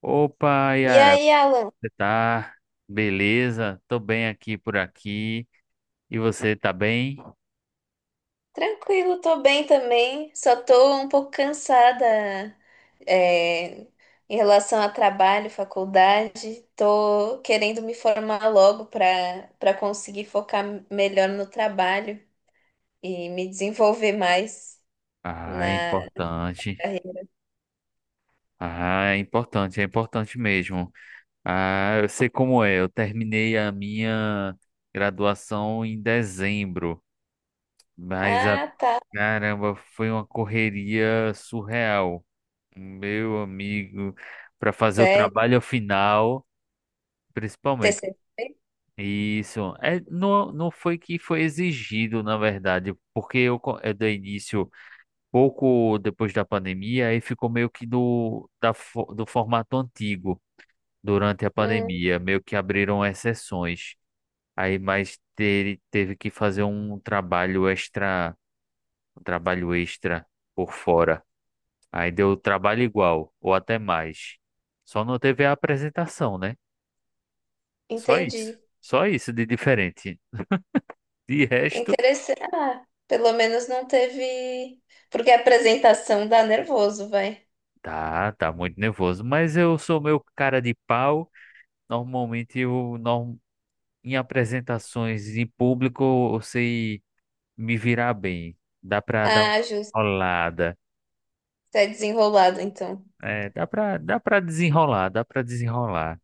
Opa, E Yara, aí, como Alan? você tá? Beleza? Tô bem aqui por aqui. E você tá bem? Tranquilo, tô bem também. Só tô um pouco cansada, é, em relação a trabalho, faculdade. Tô querendo me formar logo para conseguir focar melhor no trabalho e me desenvolver mais Ah, é na importante. carreira. Ah, é importante mesmo. Ah, eu sei como é. Eu terminei a minha graduação em dezembro, mas a Ah, tá. caramba, foi uma correria surreal. Meu amigo, para fazer o Sério? trabalho final, principalmente. TCC? Isso. É, não, não foi que foi exigido, na verdade, porque eu, eu dei início pouco depois da pandemia e ficou meio que do formato antigo durante a Hum, pandemia, meio que abriram exceções. Aí, mas teve que fazer um trabalho extra, um trabalho extra por fora. Aí deu trabalho igual, ou até mais. Só não teve a apresentação, né? Só isso. entendi. Só isso de diferente. De resto. Interessante. Ah, pelo menos não teve. Porque a apresentação dá nervoso, vai. Tá, tá muito nervoso, mas eu sou meu cara de pau. Normalmente eu não, em apresentações em público eu sei me virar bem. Dá pra dar uma Ah, justo. enrolada. Você é desenrolado, então. É, dá pra desenrolar, dá pra desenrolar.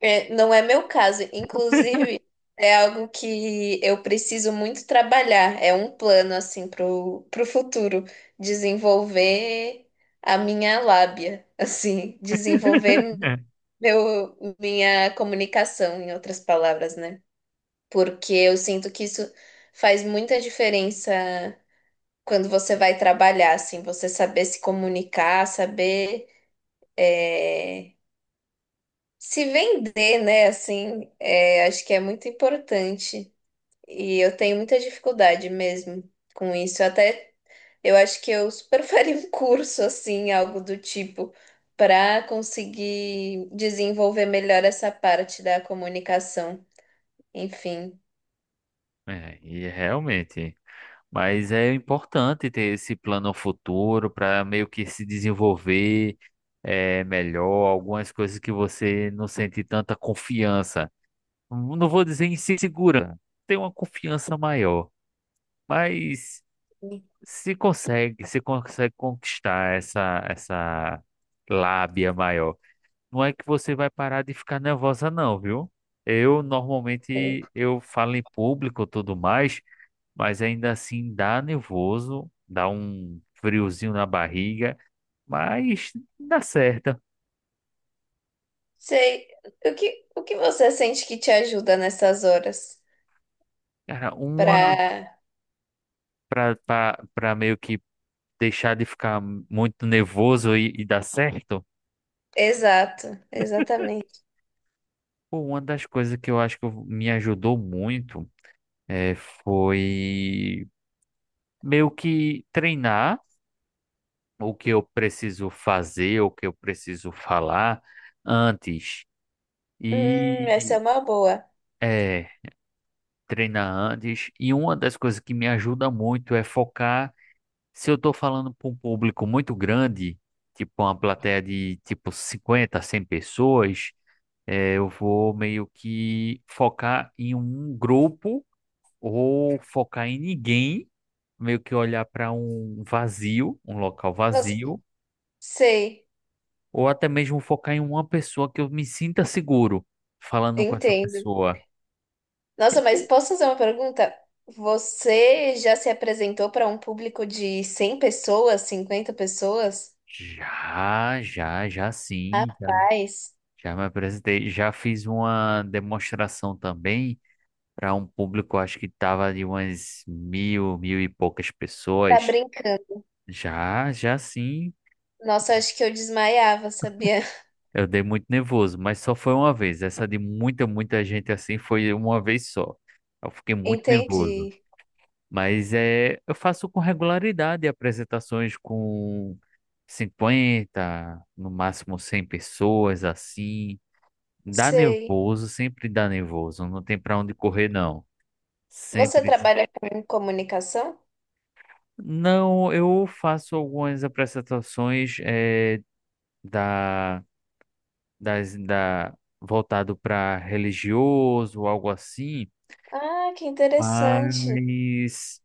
É, não é meu caso. Inclusive, é algo que eu preciso muito trabalhar. É um plano, assim, pro futuro. Desenvolver a minha lábia, assim. Desenvolver minha comunicação, em outras palavras, né? Porque eu sinto que isso faz muita diferença quando você vai trabalhar, assim. Você saber se comunicar, saber. é, Se vender, né, assim, acho que é muito importante. E eu tenho muita dificuldade mesmo com isso. Eu até eu acho que eu super faria um curso, assim, algo do tipo, para conseguir desenvolver melhor essa parte da comunicação. Enfim, É, e realmente. Mas é importante ter esse plano futuro para meio que se desenvolver, melhor, algumas coisas que você não sente tanta confiança. Não vou dizer em si segura, tem uma confiança maior, mas se consegue conquistar essa lábia maior, não é que você vai parar de ficar nervosa não, viu? Eu sei. normalmente eu falo em público e tudo mais, mas ainda assim dá nervoso, dá um friozinho na barriga, mas dá certo. Sei. O que você sente que te ajuda nessas horas? Cara, uma Para. para para meio que deixar de ficar muito nervoso e dar certo, Exato, exatamente. pô, uma das coisas que eu acho que me ajudou muito foi meio que treinar o que eu preciso fazer, o que eu preciso falar antes. Essa é E uma boa. é, treinar antes. E uma das coisas que me ajuda muito é focar. Se eu estou falando para um público muito grande, tipo uma plateia de tipo 50, 100 pessoas. É, eu vou meio que focar em um grupo ou focar em ninguém, meio que olhar para um vazio, um local Nossa, vazio, sei. ou até mesmo focar em uma pessoa que eu me sinta seguro falando com essa Entendo. pessoa. Nossa, mas Tipo, posso fazer uma pergunta? Você já se apresentou para um público de 100 pessoas, 50 pessoas? já, Paz, já me apresentei, já fiz uma demonstração também para um público, acho que tava de umas mil, mil e poucas tá pessoas. brincando. Já, já sim. Nossa, acho que eu desmaiava, sabia? Eu dei muito nervoso, mas só foi uma vez. Essa de muita, muita gente assim foi uma vez só. Eu fiquei muito nervoso. Entendi. Mas é, eu faço com regularidade apresentações com 50, no máximo 100 pessoas assim. Dá Sei. nervoso, sempre dá nervoso. Não tem pra onde correr, não. Você Sempre dá. trabalha com comunicação? Não, eu faço algumas apresentações, da, das, da, voltado para religioso, algo assim. Ah, que interessante. Mas,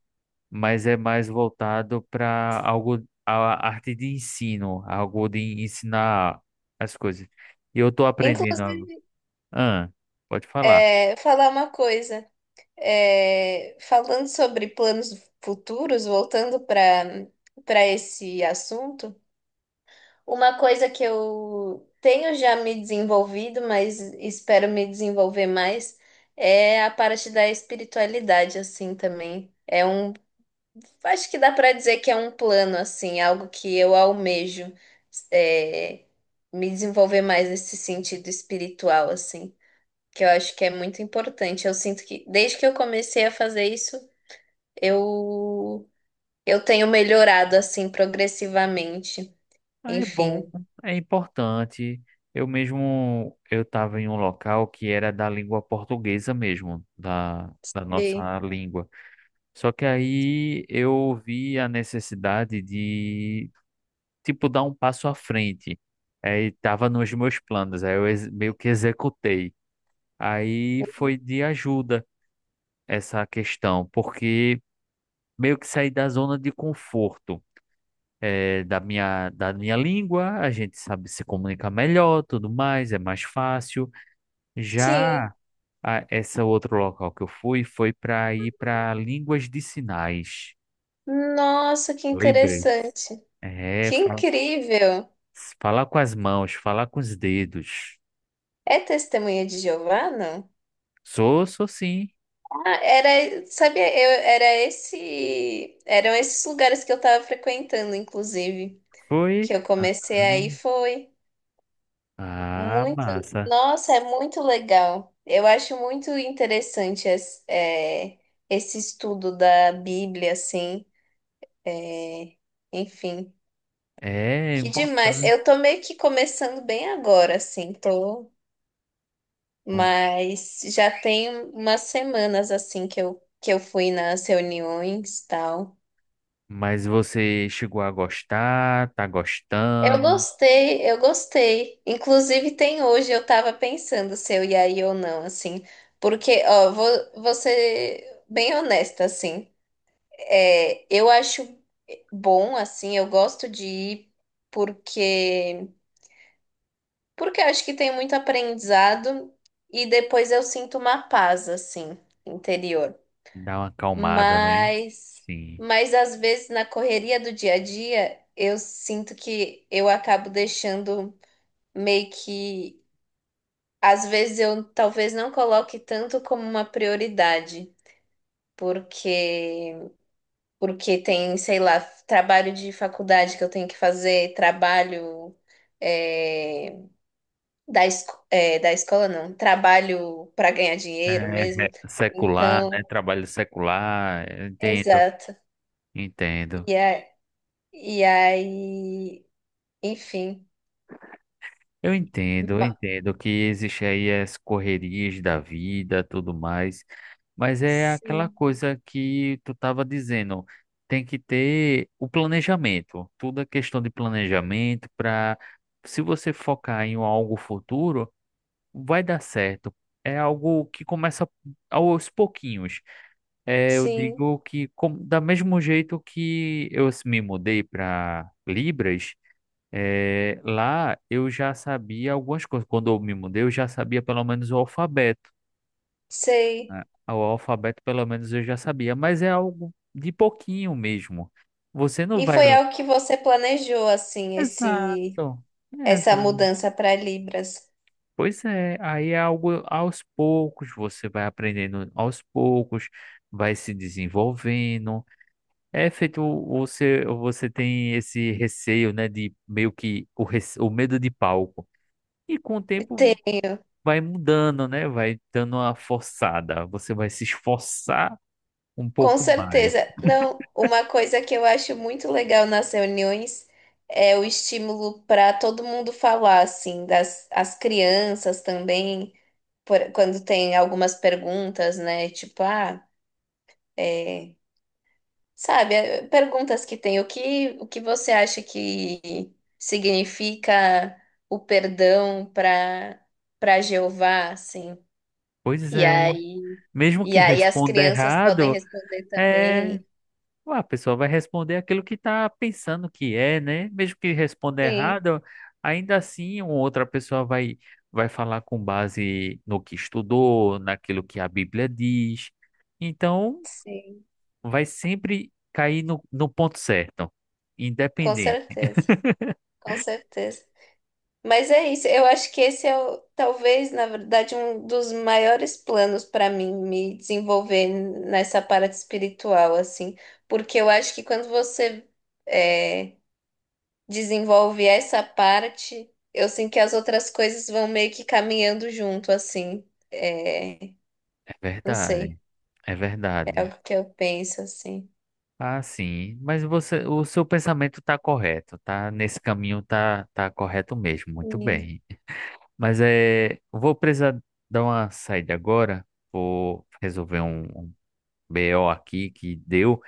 mas é mais voltado para algo, a arte de ensino, algo de ensinar as coisas. E eu estou aprendendo. Inclusive, Ah, pode falar. Falar uma coisa. É, falando sobre planos futuros, voltando para esse assunto. Uma coisa que eu tenho já me desenvolvido, mas espero me desenvolver mais, é a parte da espiritualidade, assim, também. Acho que dá para dizer que é um plano, assim, algo que eu almejo, é, me desenvolver mais nesse sentido espiritual, assim, que eu acho que é muito importante. Eu sinto que desde que eu comecei a fazer isso, eu, eu tenho melhorado, assim, progressivamente. Ah, é bom, Enfim. é importante. Eu mesmo, eu estava em um local que era da língua portuguesa mesmo, da E- nossa língua. Só que aí eu vi a necessidade, tipo, dar um passo à frente. Aí tava nos meus planos, aí eu meio que executei. Aí foi de ajuda essa questão, porque meio que saí da zona de conforto. Eh, da minha língua, a gente sabe se comunicar melhor, tudo mais, é mais fácil. Sim. Já esse outro local que eu fui foi para ir para línguas de sinais. Nossa, que Lembrei. interessante. É, Que incrível. falar com as mãos, falar com os dedos. É testemunha de Jeová, não? Sou, sou sim. Ah, era, sabia, era eram esses lugares que eu estava frequentando, inclusive, que Foi? eu comecei aí foi Ah, muito, massa. nossa, é muito legal. Eu acho muito interessante es- é, esse estudo da Bíblia, assim, é, enfim. É Que demais. importante. Eu tô meio que começando bem agora, assim, tô. Hum. Mas já tem umas semanas assim que eu fui nas reuniões e tal. Mas você chegou a gostar, tá gostando, Eu gostei. Inclusive tem hoje, eu tava pensando se eu ia ir ou não, assim. Porque, ó, vou, vou ser bem honesta, assim. É, eu acho bom, assim, eu gosto de ir porque, porque eu acho que tem muito aprendizado e depois eu sinto uma paz, assim, interior. dá uma acalmada, né? Mas, Sim. mas às vezes na correria do dia a dia, eu sinto que eu acabo deixando meio que, às vezes eu talvez não coloque tanto como uma prioridade, porque porque tem, sei lá, trabalho de faculdade que eu tenho que fazer, trabalho é, da, esco- é, da escola não, trabalho para ganhar dinheiro É, mesmo. é, secular, né? Então, Trabalho secular, eu entendo, exato. entendo. E, a, e aí, enfim. Eu entendo, eu Ma- entendo que existe aí as correrias da vida, tudo mais, mas é aquela Sim, coisa que tu estava dizendo, tem que ter o planejamento, tudo é questão de planejamento para, se você focar em algo futuro, vai dar certo. É algo que começa aos pouquinhos. É, eu sim, digo que com, da mesmo jeito que eu me mudei para Libras, é, lá eu já sabia algumas coisas. Quando eu me mudei, eu já sabia pelo menos o alfabeto. sei. Né? O alfabeto, pelo menos, eu já sabia, mas é algo de pouquinho mesmo. Você não E vai. foi algo que você planejou, assim, esse, Exato. essa Exato. mudança para Libras. Pois é, aí é algo aos poucos, você vai aprendendo aos poucos, vai se desenvolvendo. É feito, você tem esse receio, né, de meio que o medo de palco. E com o tempo Tenho, vai mudando, né? Vai dando uma forçada. Você vai se esforçar um com pouco mais. certeza. Não, uma coisa que eu acho muito legal nas reuniões é o estímulo para todo mundo falar, assim, das as crianças também, por- quando tem algumas perguntas, né? Tipo, ah, é. Sabe, é, perguntas que tem. O que você acha que significa o perdão para Jeová, assim? Pois E é. aí, Mesmo e que aí as responda crianças podem errado, responder é. também. A pessoa vai responder aquilo que está pensando que é, né? Mesmo que responda Sim, errado, ainda assim, uma outra pessoa vai, vai falar com base no que estudou, naquilo que a Bíblia diz. Então, sim, vai sempre cair no ponto certo, com independente. certeza, com certeza. Mas é isso, eu acho que esse é o, talvez, na verdade, um dos maiores planos para mim me desenvolver nessa parte espiritual, assim, porque eu acho que quando você eh, desenvolve essa parte, eu sinto que as outras coisas vão meio que caminhando junto, assim. É, É não sei, verdade, é é verdade. algo que eu penso, assim. Ah, sim. Mas você, o seu pensamento está correto, tá? Nesse caminho tá, tá correto mesmo, muito E bem. Mas é, vou precisar dar uma saída agora, vou resolver um BO aqui que deu,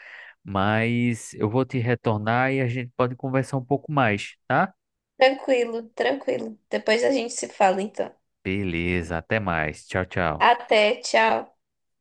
mas eu vou te retornar e a gente pode conversar um pouco mais, tá? tranquilo, tranquilo. Depois a gente se fala, então. Beleza, até mais. Tchau, tchau. Até, tchau.